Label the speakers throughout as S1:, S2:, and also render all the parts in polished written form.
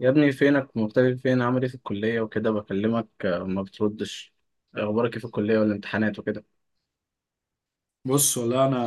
S1: يا ابني فينك مختفي؟ فين؟ عامل ايه في الكلية وكده؟ بكلمك آه، ما بتردش. اخبارك ايه في الكلية والامتحانات وكده؟
S2: بص والله انا،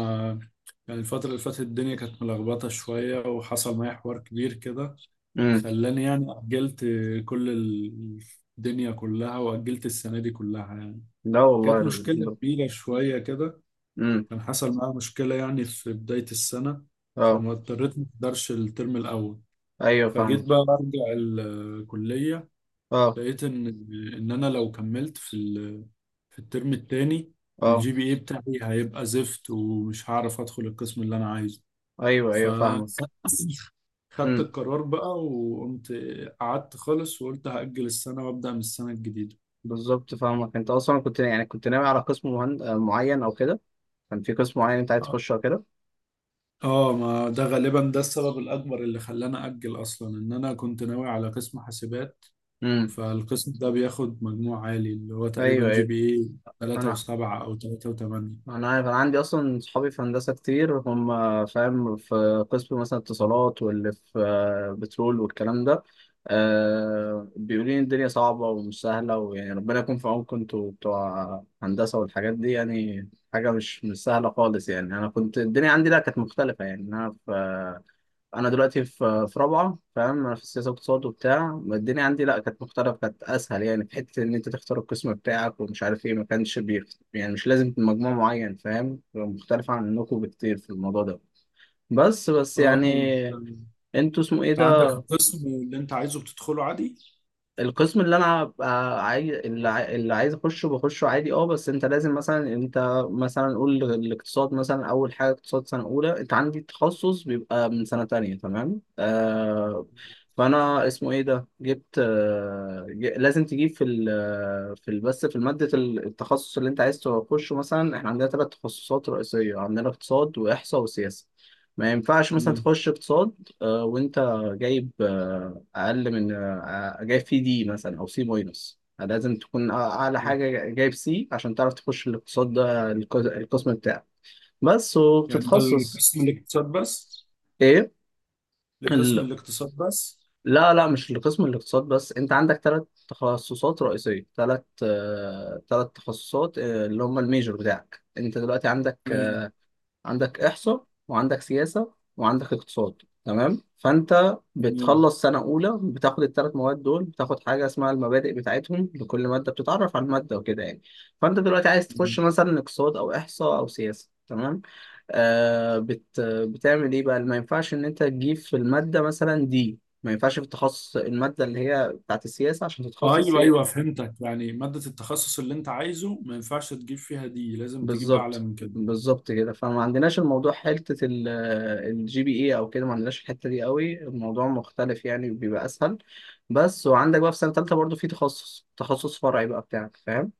S2: يعني الفترة اللي فاتت الدنيا كانت ملخبطة شوية وحصل معايا حوار كبير كده،
S1: امم
S2: خلاني يعني أجلت كل ال- الدنيا كلها وأجلت السنة دي كلها يعني.
S1: لا والله
S2: كانت مشكلة
S1: الحمد.
S2: كبيرة شوية كده.
S1: امم
S2: كان حصل معايا مشكلة يعني في بداية السنة،
S1: اه.
S2: فما اضطريت ما اقدرش الترم الأول.
S1: ايوه
S2: فجيت
S1: فاهمك.
S2: بقى أرجع الكلية،
S1: اه.
S2: لقيت ان انا لو كملت في الترم التاني
S1: اه.
S2: الجي بي اي بتاعي هيبقى زفت ومش هعرف ادخل القسم اللي انا عايزه.
S1: ايوه
S2: ف
S1: ايوه فاهمك.
S2: خدت
S1: امم
S2: القرار بقى، وقمت قعدت خالص وقلت هأجل السنة وأبدأ من السنة الجديدة.
S1: بالظبط فاهمك. انت اصلا كنت كنت ناوي على قسم مهن... آه، معين او كده؟ كان في قسم معين انت عايز تخشه او كده؟
S2: اه، ما ده غالبا ده السبب الأكبر اللي خلاني أجل أصلا، إن أنا كنت ناوي على قسم حاسبات.
S1: امم
S2: فالقسم ده بياخد مجموع عالي اللي هو تقريبا
S1: ايوه
S2: جي
S1: ايوه.
S2: بي إيه 3
S1: انا
S2: و7 أو 3.8.
S1: انا عارف، انا عندي اصلا صحابي في هندسه كتير، هم فاهم في قسم مثلا اتصالات واللي في بترول والكلام ده. أه، بيقولوا لي الدنيا صعبه ومش سهله، ويعني ربنا يكون في عونكم انتوا بتوع هندسه والحاجات دي. يعني حاجه مش سهله خالص يعني. انا كنت الدنيا عندي لا، كانت مختلفه يعني. انا في، انا دلوقتي في رابعه، فاهم؟ انا في السياسه واقتصاد وبتاع. الدنيا عندي لا، كانت مختلفه، كانت اسهل، يعني في حته ان انت تختار القسم بتاعك ومش عارف ايه، ما كانش يعني مش لازم مجموع معين، فاهم؟ مختلفه عنكم بكتير في الموضوع ده. بس
S2: اه.
S1: يعني انتوا اسمه ايه
S2: انت عندك
S1: ده؟
S2: القسم اللي انت عايزه بتدخله عادي.
S1: القسم اللي انا عايز، اللي اللي عايز اخشه بخشه عادي. اه بس انت لازم مثلا، انت قول الاقتصاد مثلا. اول حاجه اقتصاد سنه اولى، انت عندي تخصص بيبقى من سنه تانية، تمام؟ آه، فانا اسمه ايه ده جبت آه، لازم تجيب في ال، في ال- بس في ماده التخصص اللي انت عايز تخشه. مثلا احنا عندنا ثلاث تخصصات رئيسيه، عندنا اقتصاد واحصاء وسياسه. ما ينفعش مثلا
S2: مم.
S1: تخش اقتصاد آه، وانت جايب آه، اقل من آه، آه، جايب فيه دي مثلا، او سي ماينس. لازم تكون اعلى
S2: آه.
S1: حاجه جايب سي عشان تعرف تخش الاقتصاد ده، القسم بتاعك. بس.
S2: يعني ده
S1: وبتتخصص
S2: القسم الاقتصاد بس؟
S1: ايه
S2: لقسم
S1: ال...
S2: الاقتصاد بس؟
S1: لا لا، مش القسم الاقتصاد بس. انت عندك ثلاث تخصصات رئيسيه، ثلاث تخصصات آه، اللي هم الميجor بتاعك انت دلوقتي. عندك،
S2: تمام.
S1: عندك إحصاء وعندك سياسة وعندك اقتصاد، تمام؟ فأنت
S2: تمام.
S1: بتخلص سنة أولى بتاخد الثلاث مواد دول، بتاخد حاجة اسمها المبادئ بتاعتهم، لكل مادة بتتعرف على المادة وكده يعني. فأنت دلوقتي عايز
S2: تمام.
S1: تخش مثلا اقتصاد أو إحصاء أو سياسة، تمام. آه، بتعمل إيه بقى؟ ما ينفعش إن أنت تجيب في المادة مثلا دي، ما ينفعش في التخصص، المادة اللي هي بتاعت السياسة عشان تتخصص.
S2: ايوه ايوه، فهمتك، يعني مادة التخصص اللي انت عايزه ما ينفعش تجيب فيها دي، لازم تجيب اعلى
S1: بالظبط
S2: من كده.
S1: بالظبط كده. فما عندناش الموضوع حتة الجي بي اي او كده، ما عندناش الحتة دي قوي، الموضوع مختلف يعني، بيبقى اسهل. بس. وعندك بقى في سنة تالتة برضو في تخصص، تخصص فرعي بقى بتاعك، فاهم؟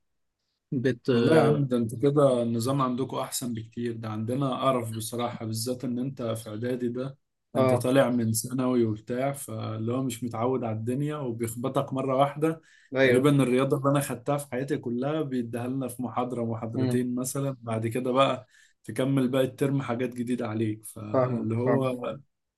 S1: بت
S2: والله يا عم، ده انتوا كده النظام عندكم احسن بكتير، ده عندنا قرف بصراحة، بالذات ان انت في اعدادي ده، انت
S1: اه.
S2: طالع من ثانوي وبتاع، فاللي هو مش متعود على الدنيا وبيخبطك مرة واحدة.
S1: ايوه.
S2: تقريبا الرياضة اللي انا خدتها في حياتي كلها بيديها لنا في محاضرة
S1: امم
S2: محاضرتين مثلا، بعد كده بقى تكمل باقي الترم حاجات جديدة عليك،
S1: فاهمك.
S2: فاللي
S1: فاهم.
S2: هو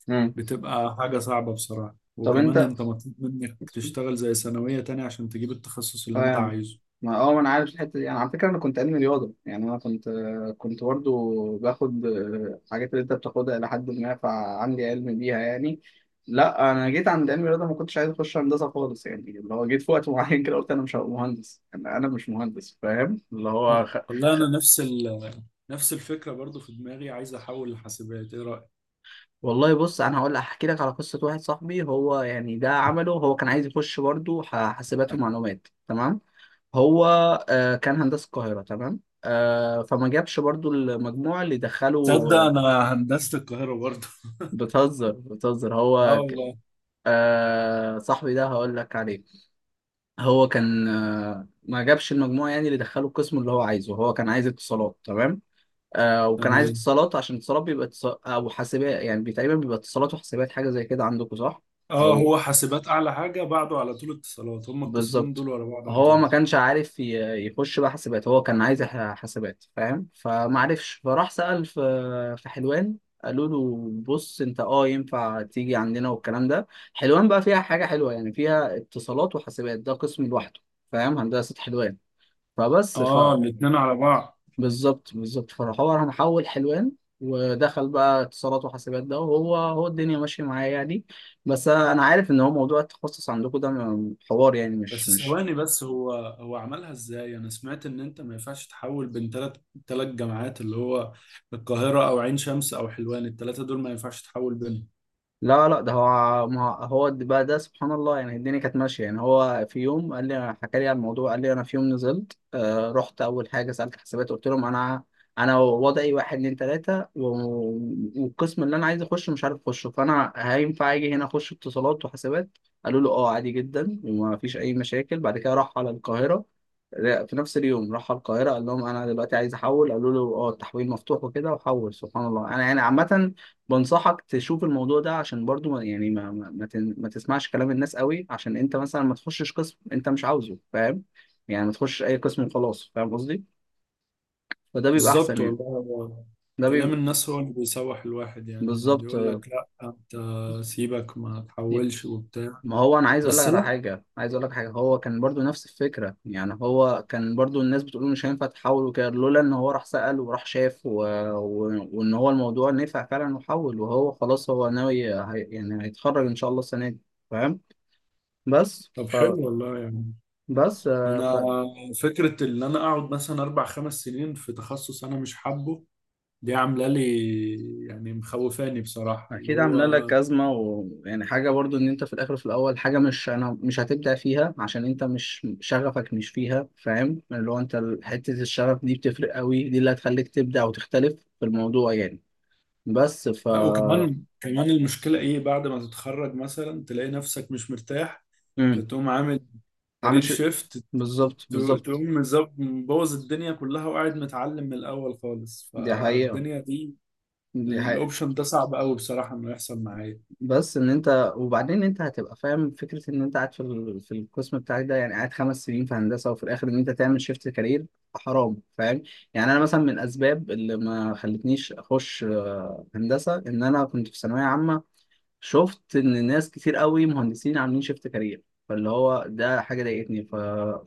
S1: امم
S2: بتبقى حاجة صعبة بصراحة.
S1: طب
S2: وكمان
S1: انت،
S2: انت مطلوب منك تشتغل زي ثانوية تاني عشان تجيب التخصص اللي انت
S1: فاهم،
S2: عايزه.
S1: ما انا عارف الحته دي. انا على فكره انا كنت علمي رياضه، يعني انا كنت، كنت برضو باخد الحاجات اللي انت بتاخدها الى حد ما، فعندي علم بيها يعني. لا انا جيت عند علم الرياضه ما كنتش عايز اخش هندسه خالص يعني، اللي هو جيت في وقت معين كده قلت انا مش هبقى مهندس، انا مش مهندس، فاهم؟ اللي هو
S2: والله
S1: خ...
S2: انا نفس الفكرة برضو في دماغي، عايز أحول لحاسبات، إيه رأيك؟
S1: والله بص، انا هقول احكي لك على قصه واحد صاحبي، هو يعني ده عمله. هو كان عايز يخش برضو حاسبات ومعلومات، تمام؟ هو آه، كان هندسة القاهرة، تمام؟ آه، فما جابش برضو المجموع اللي دخله
S2: تصدق
S1: آه،
S2: انا هندسة القاهرة برضه؟
S1: بتهزر بتهزر.
S2: آه
S1: هو
S2: والله.
S1: آه، صاحبي ده هقول لك عليه. هو كان آه، ما جابش المجموع يعني اللي دخله القسم اللي هو عايزه، هو كان عايز اتصالات، تمام؟ آه، وكان عايز
S2: تمام.
S1: اتصالات عشان اتصالات بيبقى اتصال او حاسبات يعني، تقريبا بيبقى اتصالات وحاسبات حاجة زي كده عندكم، صح؟
S2: آه،
S1: او
S2: هو حاسبات أعلى حاجة، بعده على طول اتصالات، هما القسمين
S1: بالظبط.
S2: دول ورا بعض على
S1: هو
S2: طول.
S1: ما كانش عارف يخش بقى حاسبات، هو كان عايز حاسبات، فاهم؟ فما عرفش، فراح سأل في، في حلوان. قالوا له بص انت اه، ينفع تيجي عندنا والكلام ده. حلوان بقى فيها حاجة حلوة يعني، فيها اتصالات وحاسبات ده قسم لوحده، فاهم؟ هندسة حلوان. فبس ف،
S2: آه، الاتنين على بعض.
S1: بالظبط. فراح هو راح محول حلوان ودخل بقى اتصالات وحاسبات ده. وهو هو الدنيا ماشية معايا يعني. بس انا عارف ان هو موضوع التخصص عندكم ده حوار يعني، مش
S2: بس
S1: مش
S2: ثواني، بس هو عملها إزاي؟ أنا سمعت إن أنت ما ينفعش تحول بين تلات جامعات، اللي هو القاهرة أو عين شمس أو حلوان، التلاتة دول ما ينفعش تحول بينهم.
S1: لا لا ده هو، ما هو د- بقى ده سبحان الله يعني الدنيا كانت ماشيه يعني. هو في يوم قال لي، حكى لي على الموضوع، قال لي انا في يوم نزلت آه، رحت اول حاجه سالت حسابات، قلت لهم انا، انا وضعي واحد اتنين تلاته والقسم اللي انا عايز اخشه مش عارف اخشه، فانا هينفع اجي هنا اخش اتصالات وحسابات؟ قالوا له اه عادي جدا وما فيش اي مشاكل. بعد كده راح على القاهره، لا، في نفس اليوم راح على القاهره، قال لهم انا دلوقتي عايز احول، قالوا له اه التحويل مفتوح وكده، وحول سبحان الله. انا يعني عامه بنصحك تشوف الموضوع ده، عشان برضو ما يعني ما ما تسمعش كلام الناس قوي، عشان انت مثلا ما تخشش قسم انت مش عاوزه، فاهم؟ يعني ما تخشش اي قسم وخلاص، فاهم قصدي؟ فده بيبقى
S2: بالظبط
S1: احسن يعني.
S2: والله. هو
S1: ده
S2: كلام
S1: بيبقى
S2: الناس هو اللي بيسوح الواحد، يعني اللي
S1: بالظبط.
S2: يقول لك لا انت سيبك ما تحولش وبتاع.
S1: ما هو انا عايز اقول لك
S2: بس
S1: على
S2: لا.
S1: حاجه، عايز اقول لك حاجه. هو كان برضو نفس الفكره يعني، هو كان برضو الناس بتقول مش هينفع تحول وكده، لولا ان هو راح سأل وراح شاف و... و... وان هو الموضوع نفع فعلا وحول، وهو خلاص هو ناوي يعني هيتخرج ان شاء الله السنه دي، فاهم؟ بس
S2: طب حلو والله يعني.
S1: بس آه،
S2: انا فكرة ان انا اقعد مثلا اربع خمس سنين في تخصص انا مش حابه، دي عاملة لي يعني مخوفاني بصراحة اللي
S1: فأكيد عاملة لك
S2: هو.
S1: أزمة. ويعني حاجة برضو إن أنت في الآخر، في الأول، حاجة مش، أنا مش هتبدع فيها عشان أنت مش شغفك مش فيها، فاهم؟ اللي هو أنت حتة الشغف دي بتفرق قوي، دي اللي هتخليك تبدع وتختلف في الموضوع يعني. بس ف،
S2: لا، وكمان كمان المشكلة ايه، بعد ما تتخرج مثلا تلاقي نفسك مش مرتاح،
S1: مم.
S2: فتقوم عامل
S1: عامل
S2: كارير شيفت،
S1: بالظبط
S2: تقوم
S1: بالظبط
S2: مبوظ الدنيا كلها وقاعد متعلم من الأول خالص،
S1: دي حقيقة
S2: فالدنيا دي
S1: دي حقيقة.
S2: الأوبشن ده صعب أوي بصراحة إنه يحصل معايا.
S1: بس ان انت وبعدين انت هتبقى فاهم فكره ان انت قاعد في في القسم بتاعك ده يعني، قاعد 5 سنين في هندسه وفي الاخر ان انت تعمل شيفت كارير، حرام، فاهم؟ يعني انا مثلا من الاسباب اللي ما خلتنيش اخش آه، هندسه، ان انا كنت في ثانويه عامه شفت ان ناس كتير قوي مهندسين عاملين شيفت كارير، فاللي هو ده حاجه ضايقتني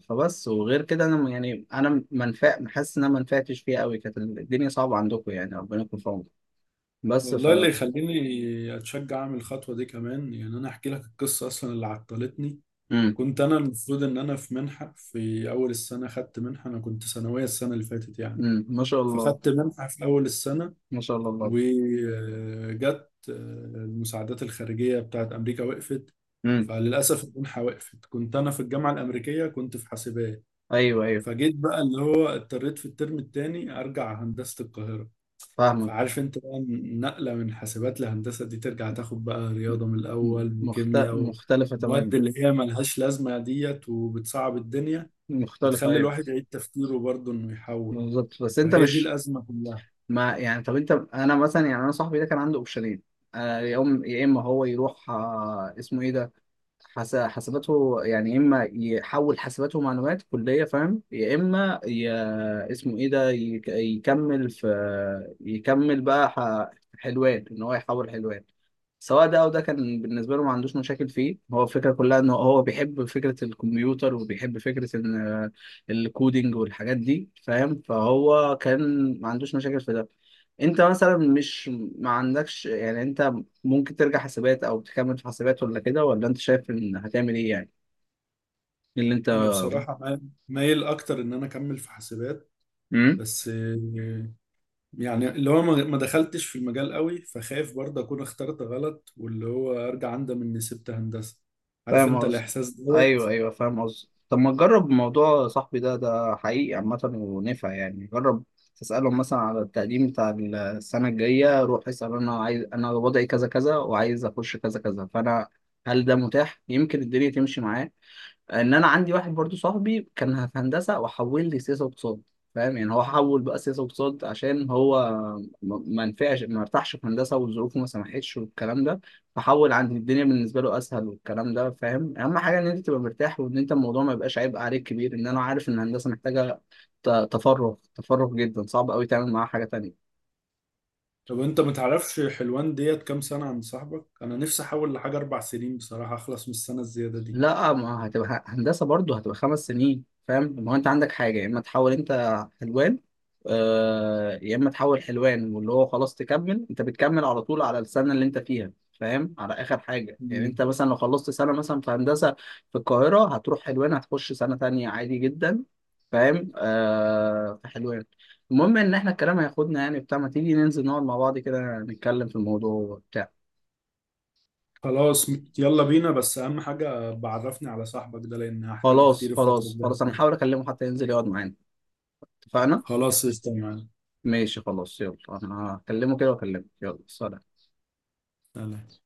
S1: فبس. وغير كده انا يعني انا منفع حاسس ان انا ما نفعتش فيها قوي، كانت الدنيا صعبه عندكم يعني، ربنا يكون في عونكم. بس ف،
S2: والله اللي يخليني أتشجع أعمل الخطوة دي كمان، يعني أنا أحكي لك القصة أصلا اللي عطلتني.
S1: امم
S2: كنت أنا المفروض إن أنا في منحة في أول السنة، خدت منحة، أنا كنت ثانوية السنة اللي فاتت يعني.
S1: ما شاء الله.
S2: فخدت منحة في أول السنة،
S1: ما شاء الله الله.
S2: وجت المساعدات الخارجية بتاعت أمريكا وقفت.
S1: امم
S2: فللأسف المنحة وقفت، كنت أنا في الجامعة الأمريكية كنت في حاسبات.
S1: ايوه ايوه
S2: فجيت بقى اللي هو اضطريت في الترم التاني أرجع هندسة القاهرة.
S1: فاهمك.
S2: فعارف أنت بقى، النقلة من حاسبات لهندسة دي ترجع تاخد بقى رياضة من الأول وكيمياء
S1: مختلفه تماما.
S2: ومواد اللي هي ملهاش لازمة ديت، وبتصعب الدنيا،
S1: مختلفه
S2: بتخلي
S1: ايوه.
S2: الواحد يعيد تفكيره برضه إنه يحول.
S1: بالظبط. بس انت
S2: فهي دي
S1: مش،
S2: الأزمة كلها.
S1: ما يعني طب انت، انا مثلا يعني، انا صاحبي ده كان عنده اوبشنين آه، يا اما هو يروح آه، اسمه ايه ده حساباته يعني، يا اما يحول حسابات ومعلومات كليه، فاهم؟ يا اما اسمه ايه ده يكمل في، يكمل بقى حلوان، ان هو يحول حلوان. سواء ده او ده كان بالنسبه له، ما عندوش مشاكل فيه. هو الفكره كلها ان هو بيحب فكره الكمبيوتر، وبيحب فكره ان آه، الكودينج والحاجات دي، فاهم؟ فهو كان ما عندوش مشاكل في ده. انت مثلا مش، ما عندكش يعني، انت ممكن ترجع حسابات او تكمل في حسابات، ولا كده، ولا انت شايف ان هتعمل ايه يعني؟ إيه اللي انت؟
S2: انا بصراحه مايل اكتر ان انا اكمل في حاسبات.
S1: مم؟
S2: بس يعني اللي هو ما دخلتش في المجال قوي، فخايف برضه اكون اخترت غلط واللي هو ارجع اندم اني سبت هندسه. عارف
S1: فاهم
S2: انت
S1: قصدي؟
S2: الاحساس دوت.
S1: ايوه ايوه فاهم قصدي. طب ما تجرب موضوع صاحبي ده، ده حقيقي عامة ونفع يعني. جرب تسألهم مثلا على التقديم بتاع السنة الجاية، روح اسأل انا عايز، انا وضعي كذا كذا وعايز اخش كذا كذا، فانا هل ده متاح؟ يمكن الدنيا تمشي معاه. ان انا عندي واحد برضو صاحبي كان في هندسه وحول لي سياسه واقتصاد، فاهم؟ يعني هو حول بقى سياسه واقتصاد عشان هو ما نفعش، ما ارتاحش في هندسه والظروف ما سمحتش والكلام ده، فحول عندي الدنيا بالنسبه له اسهل والكلام ده، فاهم؟ اهم حاجه ان انت تبقى مرتاح، وان انت الموضوع ما يبقاش عبء عليك كبير. ان انا عارف ان الهندسه محتاجه تفرغ جدا، صعب قوي تعمل معاها حاجه تانية.
S2: طب انت ما تعرفش حلوان ديت كام سنه عند صاحبك؟ انا نفسي احول لحاجه اربع سنين بصراحه اخلص من السنه الزياده دي.
S1: لا، ما هتبقى هندسة برضه، هتبقى 5 سنين، فاهم؟ ما هو انت عندك حاجة، يا اما تحول انت حلوان آه، يا اما تحول حلوان واللي هو خلاص تكمل، انت بتكمل على طول على السنة اللي انت فيها، فاهم؟ على اخر حاجة يعني.
S2: مم.
S1: انت مثلا لو خلصت سنة مثلا في هندسة في القاهرة، هتروح حلوان هتخش سنة تانية عادي جدا، فاهم؟ آه في حلوان. المهم ان احنا الكلام هياخدنا يعني بتاع، ما تيجي ننزل نقعد مع بعض كده نتكلم في الموضوع وبتاع.
S2: خلاص، يلا بينا، بس اهم حاجه بعرفني على صاحبك ده لان هحتاجه
S1: خلاص
S2: كتير الفتره
S1: خلاص
S2: الجايه.
S1: خلاص انا هحاول اكلمه حتى ينزل يقعد معانا. اتفقنا.
S2: خلاص استنى.
S1: ماشي خلاص يلا. انا هكلمه كده واكلمك. يلا سلام.
S2: سلام.